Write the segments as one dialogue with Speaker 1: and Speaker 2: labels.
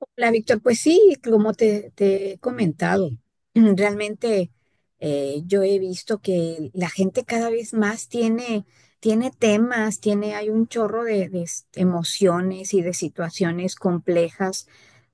Speaker 1: Hola, Víctor. Pues sí, como te he comentado, realmente yo he visto que la gente cada vez más tiene temas, hay un chorro de emociones y de situaciones complejas,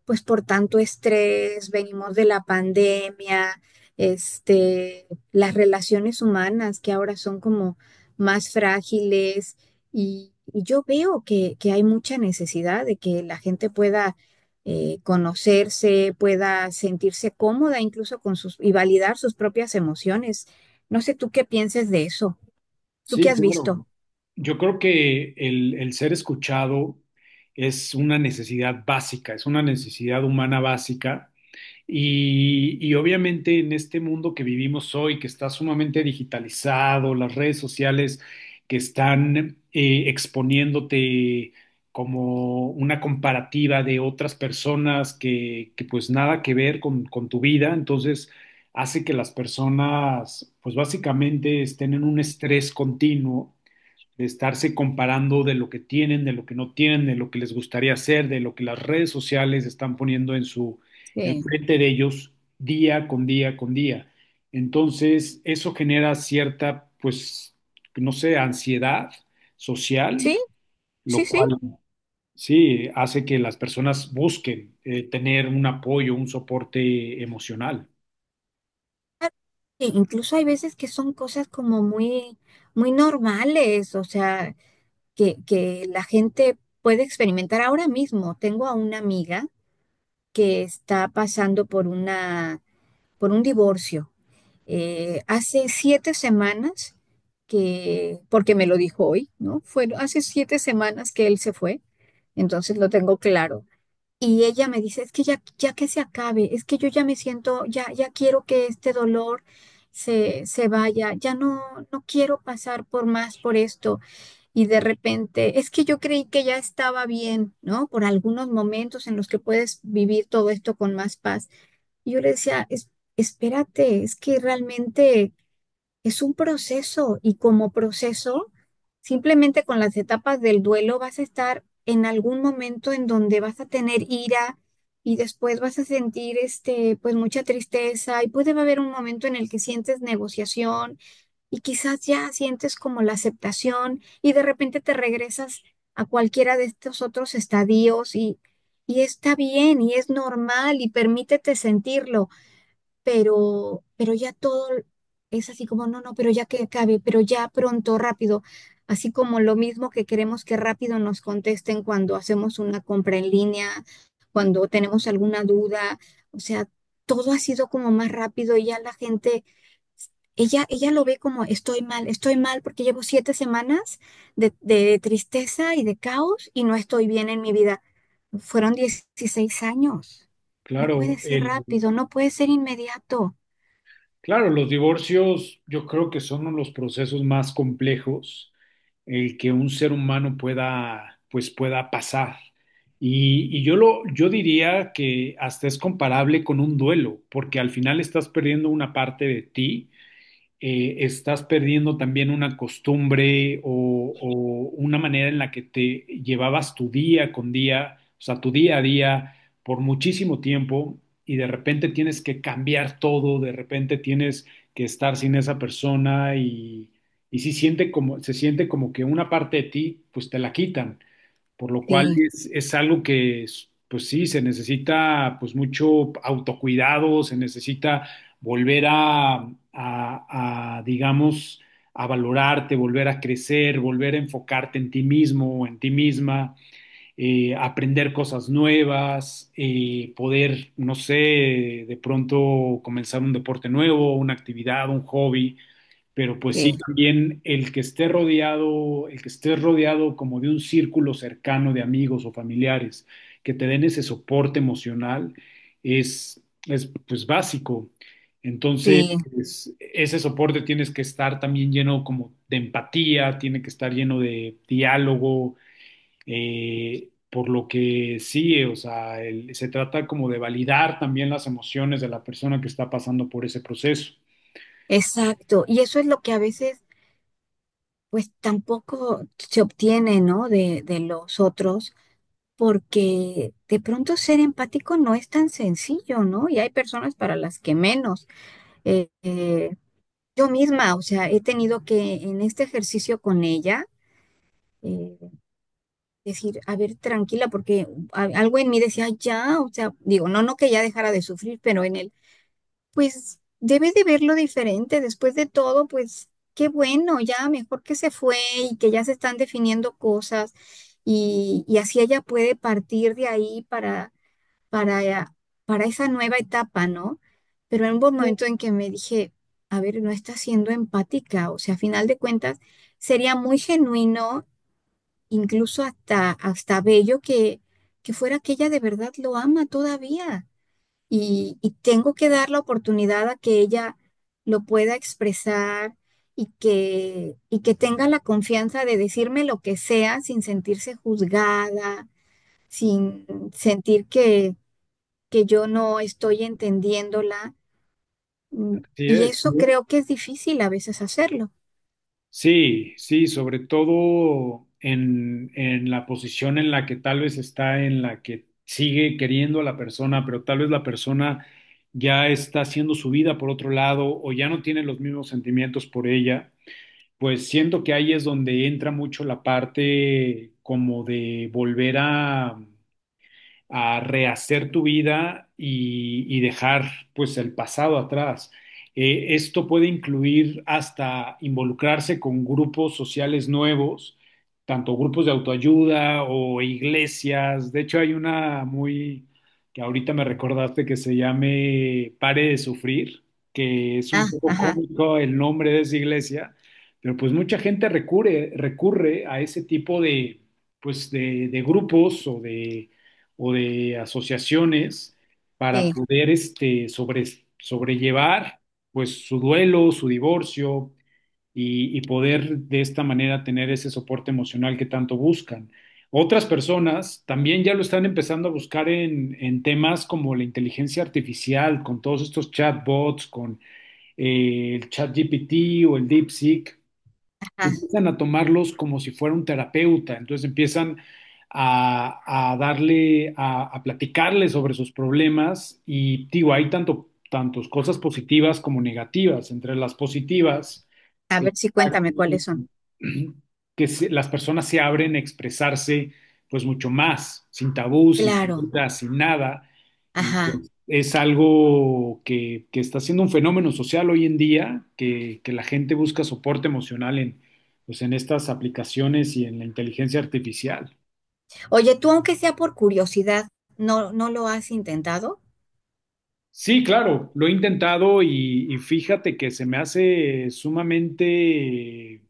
Speaker 1: pues por tanto estrés, venimos de la pandemia, este, las relaciones humanas que ahora son como más frágiles, y yo veo que hay mucha necesidad de que la gente pueda conocerse, pueda sentirse cómoda incluso con sus y validar sus propias emociones. No sé tú qué pienses de eso. ¿Tú qué
Speaker 2: Sí,
Speaker 1: has
Speaker 2: claro.
Speaker 1: visto?
Speaker 2: Yo creo que el ser escuchado es una necesidad básica, es una necesidad humana básica. Y obviamente en este mundo que vivimos hoy, que está sumamente digitalizado, las redes sociales que están exponiéndote como una comparativa de otras personas que pues nada que ver con tu vida, entonces hace que las personas pues básicamente estén en un estrés continuo estarse comparando de lo que tienen, de lo que no tienen, de lo que les gustaría hacer, de lo que las redes sociales están poniendo en su
Speaker 1: Sí,
Speaker 2: enfrente de ellos día con día con día. Entonces, eso genera cierta, pues, no sé, ansiedad social,
Speaker 1: sí,
Speaker 2: lo
Speaker 1: sí, sí.
Speaker 2: cual sí hace que las personas busquen tener un apoyo, un soporte emocional.
Speaker 1: E incluso hay veces que son cosas como muy, muy normales, o sea, que la gente puede experimentar ahora mismo. Tengo a una amiga que está pasando por un divorcio. Hace 7 semanas porque me lo dijo hoy, ¿no? Fueron hace 7 semanas que él se fue, entonces lo tengo claro. Y ella me dice, es que ya que se acabe, es que yo ya me siento, ya quiero que este dolor se vaya, ya no quiero pasar por más por esto. Y de repente, es que yo creí que ya estaba bien, ¿no? Por algunos momentos en los que puedes vivir todo esto con más paz. Y yo le decía, Espérate, es que realmente es un proceso y como proceso, simplemente con las etapas del duelo vas a estar en algún momento en donde vas a tener ira y después vas a sentir pues mucha tristeza y puede haber un momento en el que sientes negociación y quizás ya sientes como la aceptación y de repente te regresas a cualquiera de estos otros estadios y está bien y es normal y permítete sentirlo, pero ya todo es así como, no, no, pero ya que acabe, pero ya pronto, rápido, así como lo mismo que queremos que rápido nos contesten cuando hacemos una compra en línea, cuando tenemos alguna duda, o sea, todo ha sido como más rápido y ya la gente... Ella lo ve como estoy mal porque llevo 7 semanas de tristeza y de caos y no estoy bien en mi vida. Fueron 16 años. No
Speaker 2: Claro,
Speaker 1: puede ser
Speaker 2: el,
Speaker 1: rápido, no puede ser inmediato.
Speaker 2: Claro, los divorcios yo creo que son uno de los procesos más complejos el que un ser humano pueda, pues pueda pasar. Y yo diría que hasta es comparable con un duelo, porque al final estás perdiendo una parte de ti estás perdiendo también una costumbre o una manera en la que te llevabas tu día con día, o sea, tu día a día por muchísimo tiempo y de repente tienes que cambiar todo, de repente tienes que estar sin esa persona y sí siente como, se siente como que una parte de ti, pues te la quitan por lo cual
Speaker 1: Sí,
Speaker 2: es algo que, es, pues sí, se necesita pues mucho autocuidado, se necesita volver a, digamos, a valorarte, volver a crecer, volver a enfocarte en ti mismo o en ti misma, aprender cosas nuevas, poder, no sé, de pronto comenzar un deporte nuevo, una actividad, un hobby. Pero pues sí,
Speaker 1: sí,
Speaker 2: también el que esté rodeado, el que estés rodeado como de un círculo cercano de amigos o familiares que te den ese soporte emocional es pues básico. Entonces,
Speaker 1: sí,
Speaker 2: ese soporte tienes que estar también lleno como de empatía, tiene que estar lleno de diálogo, por lo que sí, o sea, se trata como de validar también las emociones de la persona que está pasando por ese proceso.
Speaker 1: exacto. Y eso es lo que a veces, pues tampoco se obtiene, ¿no? De los otros, porque de pronto ser empático no es tan sencillo, ¿no? Y hay personas para las que menos. Eh, eh, yo misma, o sea, he tenido que en este ejercicio con ella, eh, decir, a ver, tranquila, porque algo en mí decía, "Ay, ya, o sea, digo, no que ya dejara de sufrir, pero en el pues debe de verlo diferente. Después de todo, pues qué bueno, ya mejor que se fue y que ya se están definiendo cosas y así ella puede partir de ahí para, para, para esa nueva etapa, ¿no? Pero en un, sí, momento en que me dije, a ver, no está siendo empática, o sea, a final de cuentas, sería muy genuino, incluso hasta bello que fuera que ella de verdad lo ama todavía, y tengo que dar la oportunidad a que ella lo pueda expresar y que tenga la confianza de decirme lo que sea sin sentirse juzgada, sin sentir que yo no estoy entendiéndola. Mm. Y
Speaker 2: Sí.
Speaker 1: eso, ujú, creo que es difícil a veces hacerlo.
Speaker 2: Sí, sobre todo en la posición en la que tal vez está, en la que sigue queriendo a la persona, pero tal vez la persona ya está haciendo su vida por otro lado o ya no tiene los mismos sentimientos por ella, pues siento que ahí es donde entra mucho la parte como de volver a rehacer tu vida y dejar pues el pasado atrás. Esto puede incluir hasta involucrarse con grupos sociales nuevos, tanto grupos de autoayuda o iglesias. De hecho, hay una muy que ahorita me recordaste que se llame Pare de Sufrir, que es un
Speaker 1: Ah,
Speaker 2: poco
Speaker 1: ajá,
Speaker 2: cómico el nombre de esa iglesia, pero pues mucha gente recurre a ese tipo de, pues de grupos o de asociaciones para
Speaker 1: sí,
Speaker 2: poder este, sobrellevar pues su duelo, su divorcio y poder de esta manera tener ese soporte emocional que tanto buscan. Otras personas también ya lo están empezando a buscar en temas como la inteligencia artificial, con todos estos chatbots, con el ChatGPT o el DeepSeek
Speaker 1: ajá.
Speaker 2: empiezan a tomarlos como si fuera un terapeuta, entonces empiezan a darle, a platicarle sobre sus problemas y digo, hay tanto, tantos cosas positivas como negativas. Entre las positivas,
Speaker 1: A ver, si
Speaker 2: exacto.
Speaker 1: cuéntame cuáles son.
Speaker 2: Las personas se abren a expresarse, pues mucho más, sin tabú, sin
Speaker 1: Claro.
Speaker 2: censura, sin nada. Y
Speaker 1: Ajá.
Speaker 2: pues, es algo que está siendo un fenómeno social hoy en día, que la gente busca soporte emocional en, pues, en estas aplicaciones y en la inteligencia artificial.
Speaker 1: Oye, tú aunque sea por curiosidad, ¿no lo has intentado?
Speaker 2: Sí, claro, lo he intentado y fíjate que se me hace sumamente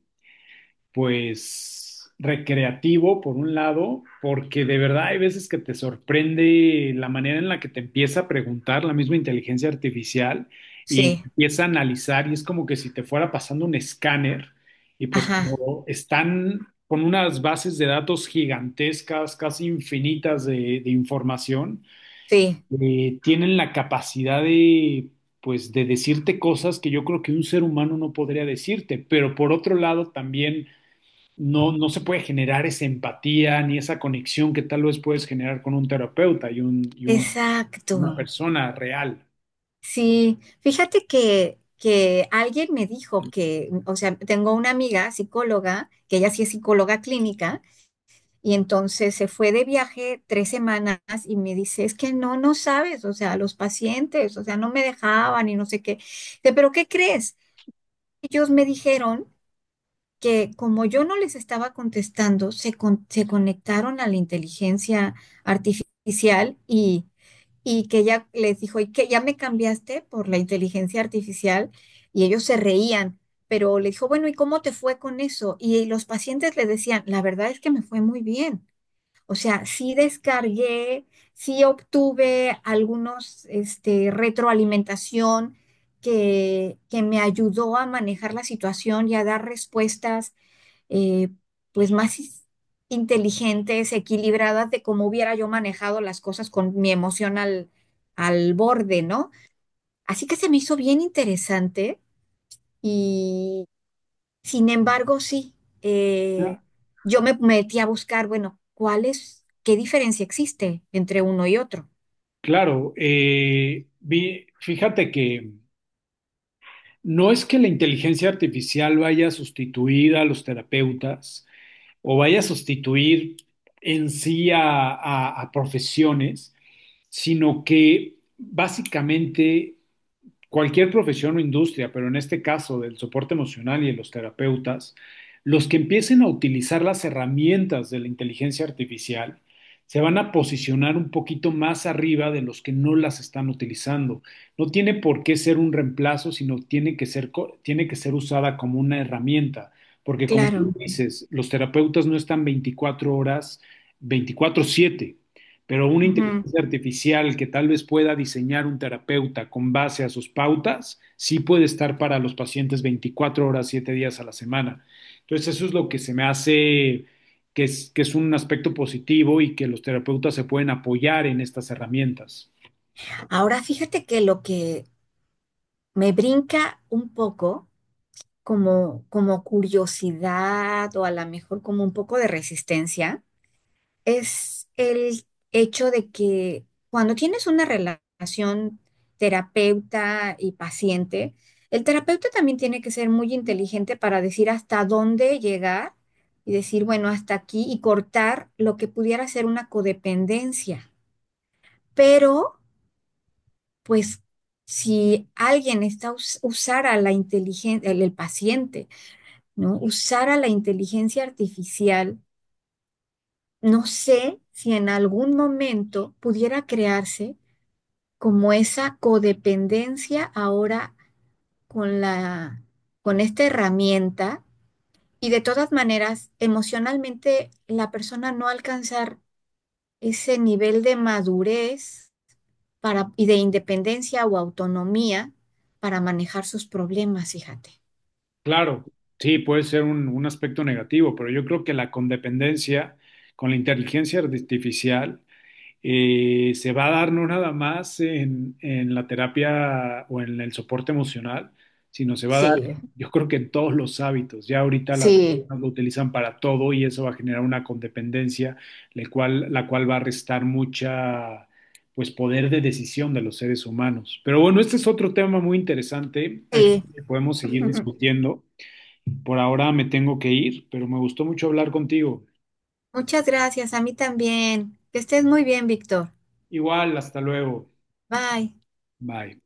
Speaker 2: pues recreativo por un lado, porque de verdad hay veces que te sorprende la manera en la que te empieza a preguntar la misma inteligencia artificial y
Speaker 1: Sí,
Speaker 2: empieza a analizar y es como que si te fuera pasando un escáner y pues
Speaker 1: ajá,
Speaker 2: como están con unas bases de datos gigantescas, casi infinitas de información,
Speaker 1: sí.
Speaker 2: tienen la capacidad de pues de decirte cosas que yo creo que un ser humano no podría decirte, pero por otro lado también no se puede generar esa empatía ni esa conexión que tal vez puedes generar con un terapeuta y
Speaker 1: Exacto.
Speaker 2: una persona real.
Speaker 1: Sí, fíjate que alguien me dijo que, o sea, tengo una amiga psicóloga, que ella sí es psicóloga clínica, y entonces se fue de viaje 3 semanas y me dice, es que no sabes, o sea, los pacientes, o sea, no me dejaban y no sé qué. Dice, pero ¿qué crees? Ellos me dijeron que como yo no les estaba contestando, se conectaron a la inteligencia artificial, y que ya les dijo, y que ya me cambiaste por la inteligencia artificial y ellos se reían, pero le dijo, bueno, ¿y cómo te fue con eso? Y los pacientes le decían, la verdad es que me fue muy bien. O sea, sí descargué, sí obtuve algunos, este, retroalimentación que me ayudó a manejar la situación y a dar respuestas, eh, pues más inteligentes, equilibradas de cómo hubiera yo manejado las cosas con mi emoción al borde, ¿no? Así que se me hizo bien interesante y sin embargo, sí,
Speaker 2: Ah.
Speaker 1: eh, yo me metí a buscar, bueno, ¿cuál es, qué diferencia existe entre uno y otro?
Speaker 2: Fíjate que no es que la inteligencia artificial vaya a sustituir a los terapeutas o vaya a sustituir en sí a, a profesiones, sino que básicamente cualquier profesión o industria, pero en este caso del soporte emocional y de los terapeutas, los que empiecen a utilizar las herramientas de la inteligencia artificial se van a posicionar un poquito más arriba de los que no las están utilizando. No tiene por qué ser un reemplazo, sino tiene que ser, tiene que ser usada como una herramienta, porque como tú
Speaker 1: Claro.
Speaker 2: dices, los terapeutas no están 24 horas, 24/7, pero una
Speaker 1: Ujú.
Speaker 2: inteligencia artificial que tal vez pueda diseñar un terapeuta con base a sus pautas, sí puede estar para los pacientes 24 horas, 7 días a la semana. Entonces, eso es lo que se me hace que es un aspecto positivo y que los terapeutas se pueden apoyar en estas herramientas.
Speaker 1: Ahora fíjate que lo que me brinca un poco como, curiosidad o a lo mejor como un poco de resistencia, es el hecho de que cuando tienes una relación terapeuta y paciente, el terapeuta también tiene que ser muy inteligente para decir hasta dónde llegar y decir, bueno, hasta aquí y cortar lo que pudiera ser una codependencia. Pero, pues, si alguien está usara la inteligencia, el paciente, ¿no? Usar a la inteligencia artificial, no sé si en algún momento pudiera crearse como esa codependencia ahora con la, con esta herramienta y de todas maneras, emocionalmente la persona no alcanzar ese nivel de madurez para, y de independencia o autonomía para manejar sus problemas, fíjate.
Speaker 2: Claro, sí, puede ser un aspecto negativo, pero yo creo que la condependencia con la inteligencia artificial se va a dar no nada más en la terapia o en el soporte emocional, sino se va a dar,
Speaker 1: Sí,
Speaker 2: yo creo que en todos los hábitos. Ya ahorita las
Speaker 1: sí.
Speaker 2: personas lo utilizan para todo y eso va a generar una condependencia, la cual va a restar mucha, pues, poder de decisión de los seres humanos. Pero bueno, este es otro tema muy interesante, Ángel,
Speaker 1: Sí.
Speaker 2: que podemos seguir discutiendo. Por ahora me tengo que ir, pero me gustó mucho hablar contigo.
Speaker 1: Muchas gracias, a mí también. Que estés muy bien, Víctor.
Speaker 2: Igual, hasta luego.
Speaker 1: Bye.
Speaker 2: Bye.